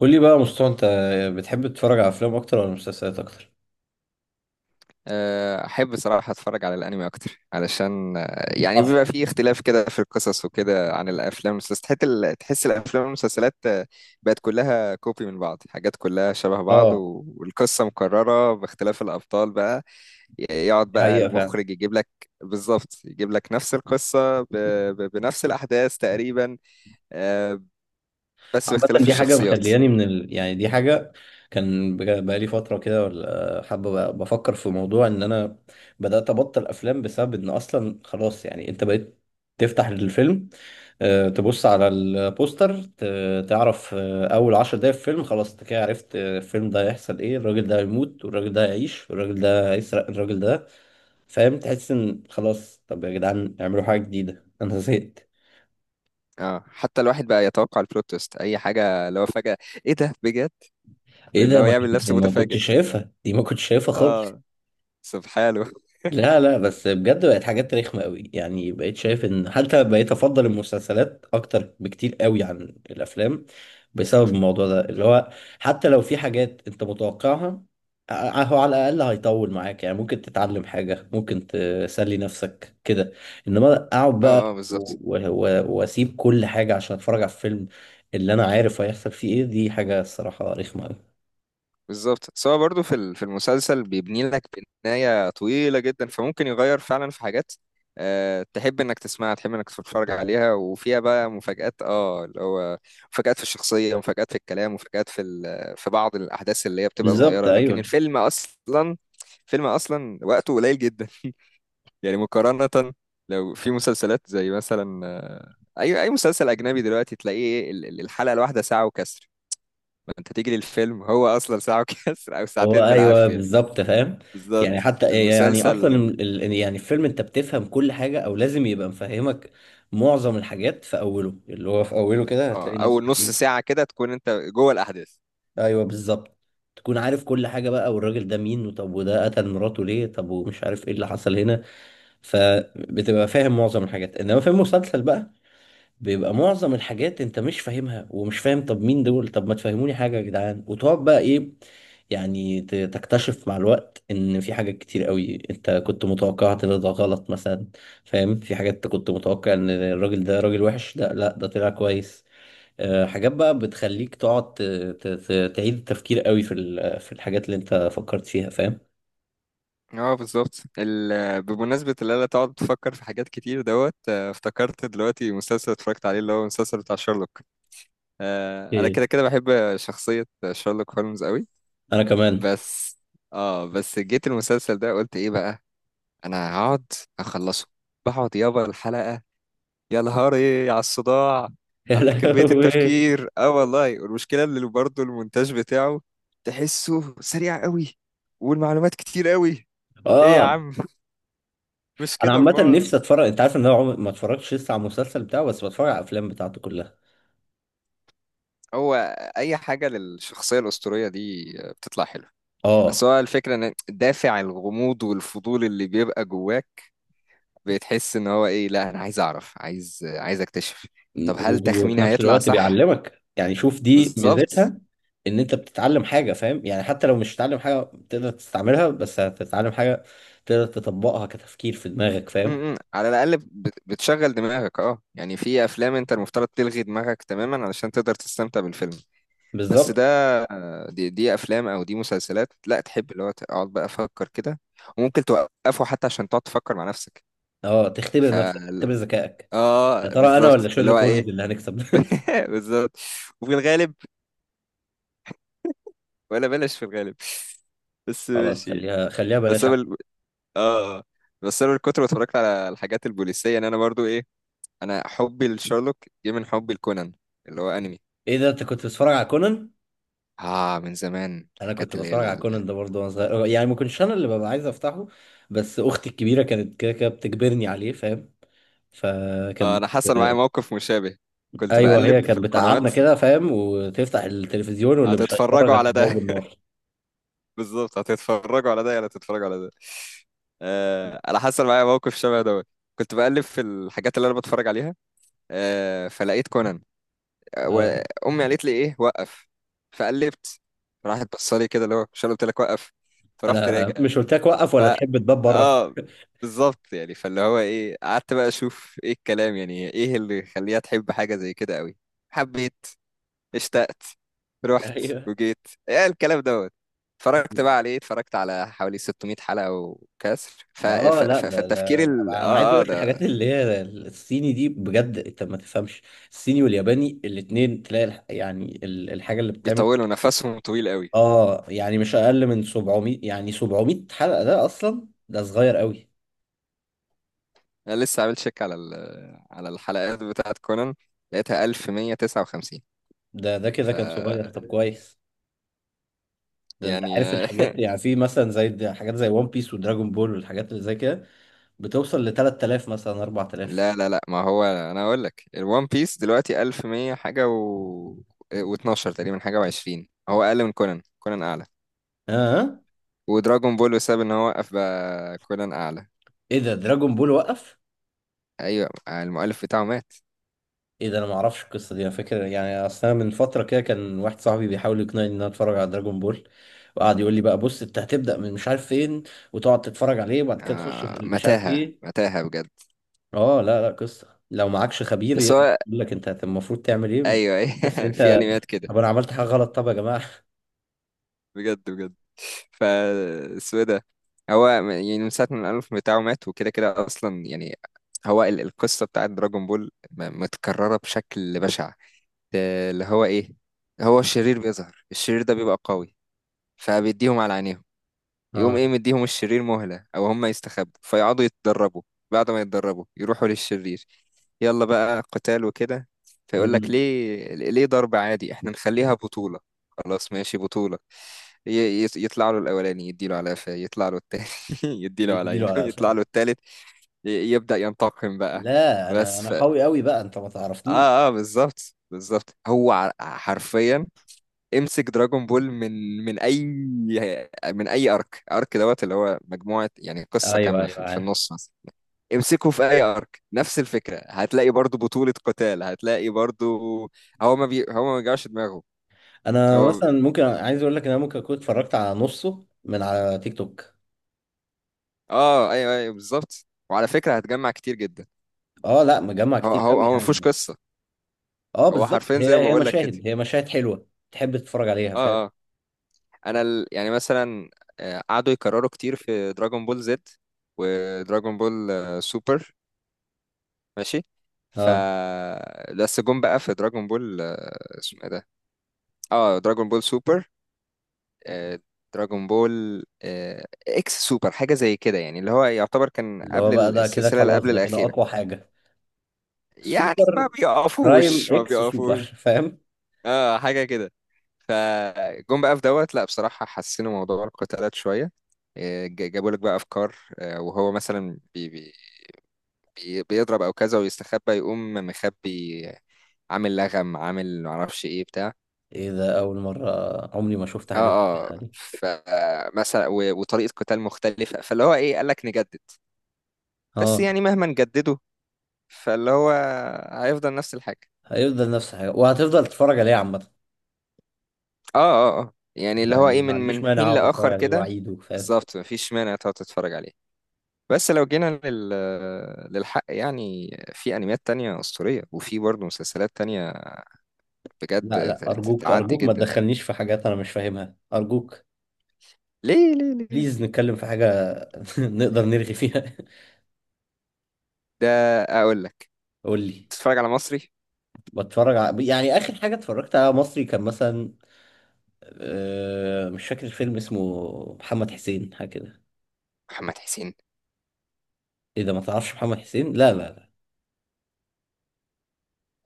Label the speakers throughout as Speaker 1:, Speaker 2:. Speaker 1: قول لي بقى يا مصطفى، انت بتحب تتفرج على افلام اكتر ولا مسلسلات اكتر؟
Speaker 2: احب صراحة اتفرج على الانمي اكتر علشان يعني
Speaker 1: اصلا.
Speaker 2: بيبقى فيه اختلاف كده في القصص وكده عن الافلام والمسلسلات، تحس الافلام والمسلسلات بقت كلها كوبي من بعض، حاجات كلها شبه بعض
Speaker 1: اه،
Speaker 2: و- والقصة مكررة باختلاف الابطال بقى. يقعد
Speaker 1: دي
Speaker 2: بقى
Speaker 1: حقيقة فعلا.
Speaker 2: المخرج يجيب لك بالظبط، يجيب لك نفس القصة بنفس الاحداث تقريبا، آه، بس
Speaker 1: عامة
Speaker 2: باختلاف
Speaker 1: دي حاجة
Speaker 2: الشخصيات.
Speaker 1: مخلياني من يعني دي حاجة كان بقالي فترة كده، ولا حابة بفكر في موضوع ان انا بدأت ابطل افلام بسبب ان اصلا خلاص. يعني انت بقيت تفتح الفيلم، تبص على البوستر، تعرف اول عشر دقايق في الفيلم خلاص انت كده عرفت الفيلم ده هيحصل ايه. الراجل ده هيموت، والراجل ده هيعيش، والراجل ده هيسرق الراجل ده، فاهم. تحس ان خلاص، طب يا جدعان اعملوا حاجه جديده. انا زهقت.
Speaker 2: اه حتى الواحد بقى يتوقع البلوت تويست اي حاجة، لو فجأة ايه ده بجد،
Speaker 1: ايه
Speaker 2: اللي
Speaker 1: ده،
Speaker 2: هو
Speaker 1: ما
Speaker 2: يعمل
Speaker 1: كنت
Speaker 2: نفسه
Speaker 1: ما
Speaker 2: متفاجئ.
Speaker 1: كنتش شايفها دي، ما كنتش شايفها خالص.
Speaker 2: اه، سبحانه.
Speaker 1: لا لا، بس بجد بقت حاجات رخمة قوي. يعني بقيت شايف ان حتى بقيت افضل المسلسلات اكتر بكتير قوي عن الافلام بسبب الموضوع ده، اللي هو حتى لو في حاجات انت متوقعها، هو على الاقل هيطول معاك، يعني ممكن تتعلم حاجة، ممكن تسلي نفسك كده. انما اقعد
Speaker 2: اه
Speaker 1: بقى
Speaker 2: اه بالظبط
Speaker 1: واسيب كل حاجة عشان اتفرج على الفيلم اللي انا عارف هيحصل فيه ايه، دي حاجة الصراحة رخمة قوي.
Speaker 2: بالظبط، سواء برضو في المسلسل بيبني لك بناية طويلة جدا، فممكن يغير فعلا في حاجات. تحب انك تسمعها، تحب انك تتفرج عليها، وفيها بقى مفاجآت، اه اللي هو مفاجآت في الشخصية، ومفاجآت في الكلام، ومفاجآت في بعض الأحداث اللي هي بتبقى
Speaker 1: بالظبط
Speaker 2: صغيرة، لكن
Speaker 1: ايوه.
Speaker 2: الفيلم أصلا فيلم أصلا وقته قليل جدا يعني مقارنة، لو في مسلسلات زي مثلا، أي مسلسل أجنبي دلوقتي تلاقيه الحلقة الواحدة ساعة وكسر، انت تيجي للفيلم هو اصلا ساعة وكسر او
Speaker 1: هو
Speaker 2: ساعتين
Speaker 1: ايوه
Speaker 2: بالعافية.
Speaker 1: بالظبط، فاهم. يعني
Speaker 2: بالظبط
Speaker 1: حتى يعني اصلا
Speaker 2: المسلسل.
Speaker 1: يعني الفيلم انت بتفهم كل حاجه، او لازم يبقى مفهمك معظم الحاجات في اوله، اللي هو في اوله كده
Speaker 2: اه،
Speaker 1: هتلاقي
Speaker 2: اول
Speaker 1: نفسك
Speaker 2: نص
Speaker 1: ايه.
Speaker 2: ساعة كده تكون انت جوه الاحداث.
Speaker 1: ايوه بالظبط. تكون عارف كل حاجه بقى، والراجل ده مين، وطب وده قتل مراته ليه، طب ومش عارف ايه اللي حصل هنا. فبتبقى فاهم معظم الحاجات، انما في المسلسل بقى بيبقى معظم الحاجات انت مش فاهمها، ومش فاهم طب مين دول، طب ما تفهموني حاجة يا جدعان، وتقعد بقى ايه. يعني تكتشف مع الوقت ان في حاجات كتير قوي انت كنت متوقعها ان ده غلط مثلا، فاهم. في حاجات انت كنت متوقع ان الراجل ده راجل وحش، لا لا ده طلع كويس. اه، حاجات بقى بتخليك تقعد تعيد التفكير قوي في في الحاجات اللي انت فكرت فيها، فاهم.
Speaker 2: اه، بالظبط. بمناسبة اللي انا تقعد تفكر في حاجات كتير دوت، افتكرت دلوقتي مسلسل اتفرجت عليه اللي هو المسلسل بتاع شارلوك. انا
Speaker 1: ايه،
Speaker 2: كده كده بحب شخصية شارلوك هولمز قوي،
Speaker 1: انا كمان.
Speaker 2: بس، اه بس جيت المسلسل ده قلت ايه بقى، انا هقعد اخلصه، بقعد يابا الحلقة، يا نهاري على الصداع،
Speaker 1: يا
Speaker 2: على كمية
Speaker 1: لهوي.
Speaker 2: التفكير. اه، والله، والمشكلة اللي برضه المونتاج بتاعه تحسه سريع قوي، والمعلومات كتير قوي. ايه يا
Speaker 1: اه،
Speaker 2: عم؟ مش
Speaker 1: انا
Speaker 2: كده
Speaker 1: عامه
Speaker 2: امال؟
Speaker 1: نفسي اتفرج. انت عارف ان انا عمري ما اتفرجتش لسه على المسلسل بتاعه؟ بس بتفرج على الافلام بتاعته كلها.
Speaker 2: هو اي حاجة للشخصية الأسطورية دي بتطلع حلوة. بس
Speaker 1: اه.
Speaker 2: هو الفكرة، ان دافع الغموض والفضول اللي بيبقى جواك، بتحس ان هو ايه، لا انا عايز اعرف، عايز عايز اكتشف، طب هل
Speaker 1: وفي
Speaker 2: تخميني
Speaker 1: نفس
Speaker 2: هيطلع
Speaker 1: الوقت
Speaker 2: صح.
Speaker 1: بيعلمك. يعني شوف، دي
Speaker 2: بالظبط.
Speaker 1: ميزتها ان انت بتتعلم حاجه، فاهم. يعني حتى لو مش هتتعلم حاجه تقدر تستعملها، بس هتتعلم حاجه تقدر تطبقها كتفكير في دماغك، فاهم.
Speaker 2: على الاقل بتشغل دماغك. اه يعني في افلام انت المفترض تلغي دماغك تماما علشان تقدر تستمتع بالفيلم، بس
Speaker 1: بالظبط.
Speaker 2: ده، دي افلام او دي مسلسلات لا، تحب اللي هو تقعد بقى افكر كده، وممكن توقفه حتى عشان تقعد تفكر مع نفسك.
Speaker 1: اه، تختبر
Speaker 2: ف
Speaker 1: نفسك، تختبر ذكائك. يا
Speaker 2: اه
Speaker 1: ترى انا ولا
Speaker 2: بالظبط اللي
Speaker 1: شيرلوك
Speaker 2: هو
Speaker 1: هولمز
Speaker 2: ايه.
Speaker 1: اللي هنكسب؟
Speaker 2: بالظبط. وفي الغالب، ولا بلاش، في الغالب، بس
Speaker 1: خلاص،
Speaker 2: ماشي يعني.
Speaker 1: خليها خليها
Speaker 2: بس
Speaker 1: بلاش
Speaker 2: انا
Speaker 1: احمد.
Speaker 2: ال- اه بس انا من كتر ما اتفرجت على الحاجات البوليسيه، ان انا برضو انا حبي لشارلوك جه من حبي لكونان اللي هو انمي.
Speaker 1: ايه ده، انت كنت بتتفرج على كونان؟
Speaker 2: اه، من زمان
Speaker 1: انا
Speaker 2: الحاجات
Speaker 1: كنت
Speaker 2: اللي هي
Speaker 1: بتفرج على كونان ده برضه وانا صغير. يعني ما كنتش انا اللي ببقى عايز افتحه، بس اختي الكبيره كانت كده كده بتجبرني عليه، فاهم. فكانت
Speaker 2: انا حصل معايا
Speaker 1: بت...
Speaker 2: موقف مشابه، كنت
Speaker 1: ايوه، هي
Speaker 2: بقلب في
Speaker 1: كانت
Speaker 2: القنوات.
Speaker 1: بتقعدنا كده فاهم، وتفتح التلفزيون واللي مش
Speaker 2: هتتفرجوا
Speaker 1: هيتفرج
Speaker 2: على
Speaker 1: هتضربه
Speaker 2: ده؟
Speaker 1: بالنار.
Speaker 2: بالظبط، هتتفرجوا على ده ولا هتتفرجوا على ده. انا حصل معايا موقف شبه ده، كنت بقلب في الحاجات اللي انا بتفرج عليها، فلقيت كونان،
Speaker 1: آه.
Speaker 2: وامي قالت لي: ايه، وقف. فقلبت، راحت بصالي كده اللي هو: مش أنا قلت لك وقف؟ فرحت
Speaker 1: انا
Speaker 2: راجع.
Speaker 1: مش قلت لك وقف
Speaker 2: ف
Speaker 1: ولا تحب تباب بره.
Speaker 2: اه بالظبط يعني، فاللي هو ايه، قعدت بقى اشوف ايه الكلام، يعني ايه اللي يخليها تحب حاجة زي كده قوي، حبيت، اشتقت، رحت،
Speaker 1: ايوه.
Speaker 2: وجيت. ايه الكلام دوت؟ اتفرجت بقى عليه، اتفرجت على حوالي 600 حلقة وكسر.
Speaker 1: ما اه لا لا
Speaker 2: فالتفكير ال...
Speaker 1: لا، انا عايز
Speaker 2: اه اه
Speaker 1: اقول لك
Speaker 2: ده.
Speaker 1: الحاجات اللي هي الصيني دي بجد انت ما تفهمش. الصيني والياباني الاتنين، تلاقي يعني الحاجه اللي بتتعمل،
Speaker 2: بيطولوا نفسهم طويل قوي.
Speaker 1: اه، يعني مش اقل من 700. يعني 700 حلقة ده اصلا ده صغير قوي.
Speaker 2: انا لسه عامل شيك على الحلقات بتاعت كونان لقيتها 1159.
Speaker 1: ده كده
Speaker 2: ف
Speaker 1: كان صغير، طب كويس. ده انت عارف
Speaker 2: يعني،
Speaker 1: الحاجات، يعني في مثلا زي حاجات زي ون بيس ودراجون بول والحاجات اللي زي كده بتوصل ل 3000 مثلا 4000.
Speaker 2: لا لا لا، ما هو انا اقول لك الوان بيس دلوقتي 1100 حاجه، و و12 تقريبا حاجه، و20. هو اقل من كونان، كونان اعلى.
Speaker 1: ها آه.
Speaker 2: ودراجون بول بسبب ان هو وقف بقى، كونان اعلى.
Speaker 1: ايه ده، دراجون بول وقف؟
Speaker 2: ايوه، المؤلف بتاعه مات.
Speaker 1: ايه ده، انا ما اعرفش القصة دي. انا فاكر يعني اصلا من فترة كده كان واحد صاحبي بيحاول يقنعني ان انا اتفرج على دراجون بول، وقعد يقول لي بقى بص انت هتبدأ من مش عارف فين، وتقعد تتفرج عليه وبعد كده تخش في مش عارف
Speaker 2: متاهه
Speaker 1: ايه.
Speaker 2: متاهه بجد.
Speaker 1: اه لا لا، قصة لو معكش خبير
Speaker 2: بس
Speaker 1: يقدر
Speaker 2: هو
Speaker 1: يقول لك انت المفروض تعمل ايه،
Speaker 2: ايوه
Speaker 1: تحس
Speaker 2: أيوة، في
Speaker 1: انت
Speaker 2: انميات كده
Speaker 1: طب انا عملت حاجة غلط، طب يا جماعة.
Speaker 2: بجد بجد. ف اسمه إيه ده؟ هو يعني من ساعه ما الالف بتاعه مات وكده كده اصلا يعني. القصه بتاعت دراجون بول متكرره بشكل بشع. اللي هو ايه، هو الشرير بيظهر، الشرير ده بيبقى قوي، فبيديهم على عينيهم، يقوم
Speaker 1: اه.
Speaker 2: ايه مديهم الشرير مهلة او هم يستخبوا فيقعدوا يتدربوا، بعد ما يتدربوا يروحوا للشرير يلا بقى قتال وكده. فيقول لك
Speaker 1: أمم.
Speaker 2: ليه، ليه ضرب عادي، احنا نخليها بطولة. خلاص ماشي بطولة، يطلع له الأولاني يديله على قفاه، يطلع له التاني يديله على
Speaker 1: يديله
Speaker 2: عينه،
Speaker 1: على
Speaker 2: يطلع
Speaker 1: قفاه.
Speaker 2: له التالت يبدأ ينتقم بقى.
Speaker 1: لا، انا
Speaker 2: بس
Speaker 1: انا
Speaker 2: ف...
Speaker 1: قوي قوي بقى، انت ما تعرفنيش.
Speaker 2: اه اه بالظبط بالظبط، هو حرفيا امسك دراجون بول من اي ارك ارك دوت، اللي هو مجموعه يعني قصه
Speaker 1: ايوه
Speaker 2: كامله
Speaker 1: ايوه
Speaker 2: في
Speaker 1: عارف.
Speaker 2: النص مثلا، امسكه في اي ارك نفس الفكره، هتلاقي برضو بطوله قتال، هتلاقي برضو. هو ما بيوجعش دماغه.
Speaker 1: انا
Speaker 2: هو
Speaker 1: مثلا ممكن عايز اقول لك ان انا ممكن اكون اتفرجت على نصه من على تيك توك.
Speaker 2: اه ايوه ايوه بالظبط، وعلى فكره هتجمع كتير جدا.
Speaker 1: اه لا، مجمع
Speaker 2: هو
Speaker 1: كتير
Speaker 2: هو
Speaker 1: قوي
Speaker 2: هو ما فيهوش
Speaker 1: يعني.
Speaker 2: قصه،
Speaker 1: اه
Speaker 2: هو
Speaker 1: بالظبط،
Speaker 2: حرفيا زي ما
Speaker 1: هي
Speaker 2: بقول لك كده.
Speaker 1: مشاهد، هي مشاهد حلوة تحب تتفرج عليها، فاهم.
Speaker 2: اه اه. يعني مثلا، قعدوا يكرروا كتير في دراجون بول زد، ودراجون بول سوبر. ماشي. ف
Speaker 1: اه،
Speaker 2: بس جم بقى في دراجون بول، اسمه ايه ده، اه دراجون بول سوبر، آه، دراجون بول اكس سوبر حاجة زي كده، يعني اللي هو يعتبر كان
Speaker 1: اللي هو
Speaker 2: قبل
Speaker 1: بقى ده كده
Speaker 2: السلسلة اللي
Speaker 1: خلاص،
Speaker 2: قبل
Speaker 1: ده كده
Speaker 2: الأخيرة.
Speaker 1: اقوى حاجة.
Speaker 2: يعني
Speaker 1: سوبر
Speaker 2: ما
Speaker 1: برايم
Speaker 2: بيقفوش ما
Speaker 1: اكس سوبر.
Speaker 2: بيقفوش.
Speaker 1: فاهم.
Speaker 2: اه حاجة كده. فجم بقى في دوت، لا بصراحة حسنوا موضوع القتالات شوية، جابوا لك بقى أفكار، وهو مثلا بيضرب أو كذا ويستخبى، يقوم مخبي، عامل لغم، عامل معرفش ايه بتاع.
Speaker 1: ايه ده، اول مره عمري ما شفت حاجه زي كده
Speaker 2: اه اه،
Speaker 1: يعني.
Speaker 2: فمثلا و- وطريقة قتال مختلفة، فاللي هو ايه، قال لك نجدد. بس
Speaker 1: اه،
Speaker 2: يعني مهما نجدده، فاللي هو هيفضل نفس الحاجة.
Speaker 1: هيفضل نفس الحاجه، وهتفضل تتفرج عليه عامه.
Speaker 2: اه اه اه، يعني اللي هو
Speaker 1: يعني
Speaker 2: ايه،
Speaker 1: ما
Speaker 2: من
Speaker 1: عنديش
Speaker 2: من
Speaker 1: مانع
Speaker 2: حين
Speaker 1: اقعد اتفرج
Speaker 2: لآخر
Speaker 1: عليه
Speaker 2: كده.
Speaker 1: واعيده، فاهم.
Speaker 2: بالظبط، مفيش مانع تقعد تتفرج عليه. بس لو جينا للحق، يعني في انميات تانية أسطورية، وفي برضه مسلسلات تانية
Speaker 1: لا
Speaker 2: بجد
Speaker 1: لا، ارجوك
Speaker 2: تعدي
Speaker 1: ارجوك ما
Speaker 2: جدا.
Speaker 1: تدخلنيش في حاجات انا مش فاهمها، ارجوك.
Speaker 2: ليه، ليه، ليه،
Speaker 1: بليز نتكلم في حاجه نقدر نرغي فيها.
Speaker 2: ده اقول لك
Speaker 1: قول لي.
Speaker 2: تتفرج على مصري.
Speaker 1: يعني اخر حاجه اتفرجت على مصري كان مثلا، مش فاكر الفيلم اسمه، محمد حسين حاجه كده.
Speaker 2: محمد حسين.
Speaker 1: ايه ده، ما تعرفش محمد حسين؟ لا لا،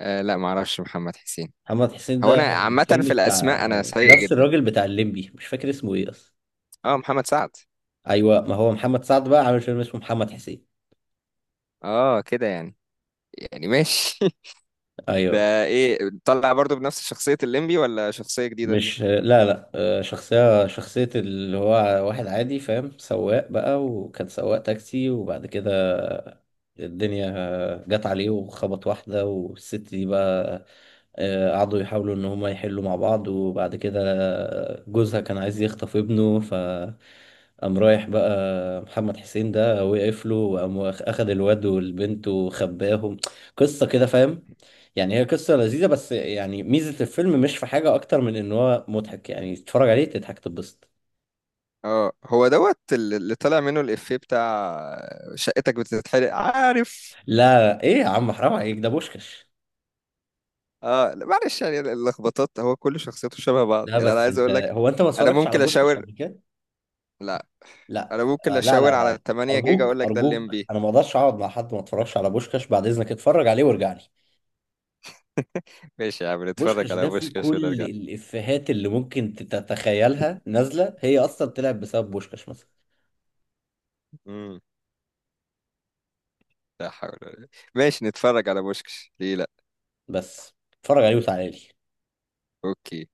Speaker 2: آه لا، معرفش محمد حسين.
Speaker 1: محمد حسين
Speaker 2: هو
Speaker 1: ده
Speaker 2: انا عامة
Speaker 1: فيلم
Speaker 2: في
Speaker 1: بتاع
Speaker 2: الاسماء انا سيء
Speaker 1: نفس
Speaker 2: جدا.
Speaker 1: الراجل بتاع الليمبي، مش فاكر اسمه ايه اصلا.
Speaker 2: اه، محمد سعد.
Speaker 1: ايوه، ما هو محمد سعد بقى عامل فيلم اسمه محمد حسين.
Speaker 2: اه كده يعني ماشي
Speaker 1: ايوه.
Speaker 2: ده ايه؟ طلع برضو بنفس شخصية الليمبي ولا شخصية جديدة؟
Speaker 1: مش لا لا، شخصية اللي هو واحد عادي فاهم، سواق بقى، وكان سواق تاكسي، وبعد كده الدنيا جت عليه وخبط واحدة، والست دي بقى قعدوا يحاولوا إن هما يحلوا مع بعض، وبعد كده جوزها كان عايز يخطف ابنه، ف قام رايح بقى محمد حسين ده وقف له، وقام أخد الواد والبنت وخباهم. قصة كده فاهم. يعني هي قصة لذيذة، بس يعني ميزة الفيلم مش في حاجة أكتر من إن هو مضحك، يعني تتفرج عليه تضحك تتبسط.
Speaker 2: اه، هو دوت اللي طلع منه الافيه بتاع شقتك بتتحرق، عارف.
Speaker 1: لا إيه يا عم، حرام عليك، ده بوشكش.
Speaker 2: اه لا، معلش يعني اللخبطات، هو كل شخصيته شبه بعض،
Speaker 1: لا
Speaker 2: يعني انا
Speaker 1: بس
Speaker 2: عايز
Speaker 1: أنت،
Speaker 2: اقول لك.
Speaker 1: هو أنت ما
Speaker 2: انا
Speaker 1: اتفرجتش على
Speaker 2: ممكن
Speaker 1: بوشكش
Speaker 2: اشاور.
Speaker 1: قبل كده؟
Speaker 2: لا،
Speaker 1: لا
Speaker 2: انا ممكن
Speaker 1: آه، لا
Speaker 2: اشاور
Speaker 1: لا
Speaker 2: على
Speaker 1: لا،
Speaker 2: 8 جيجا
Speaker 1: أرجوك
Speaker 2: اقول لك ده
Speaker 1: أرجوك
Speaker 2: الليمبي.
Speaker 1: أنا ما أقدرش أقعد مع حد ما اتفرجش على بوشكش، بعد إذنك اتفرج عليه وارجع لي.
Speaker 2: ماشي يا عم، نتفرج
Speaker 1: بوشكش
Speaker 2: على
Speaker 1: ده فيه
Speaker 2: بوشكاش
Speaker 1: كل
Speaker 2: ونرجع.
Speaker 1: الإفيهات اللي ممكن تتخيلها نازلة، هي أصلا طلعت بسبب بوشكش مثلا.
Speaker 2: امم لا حول ولا قوة. ماشي نتفرج على بوشكش، ليه لا.
Speaker 1: بس اتفرج عليه وتعالى لي.
Speaker 2: اوكي.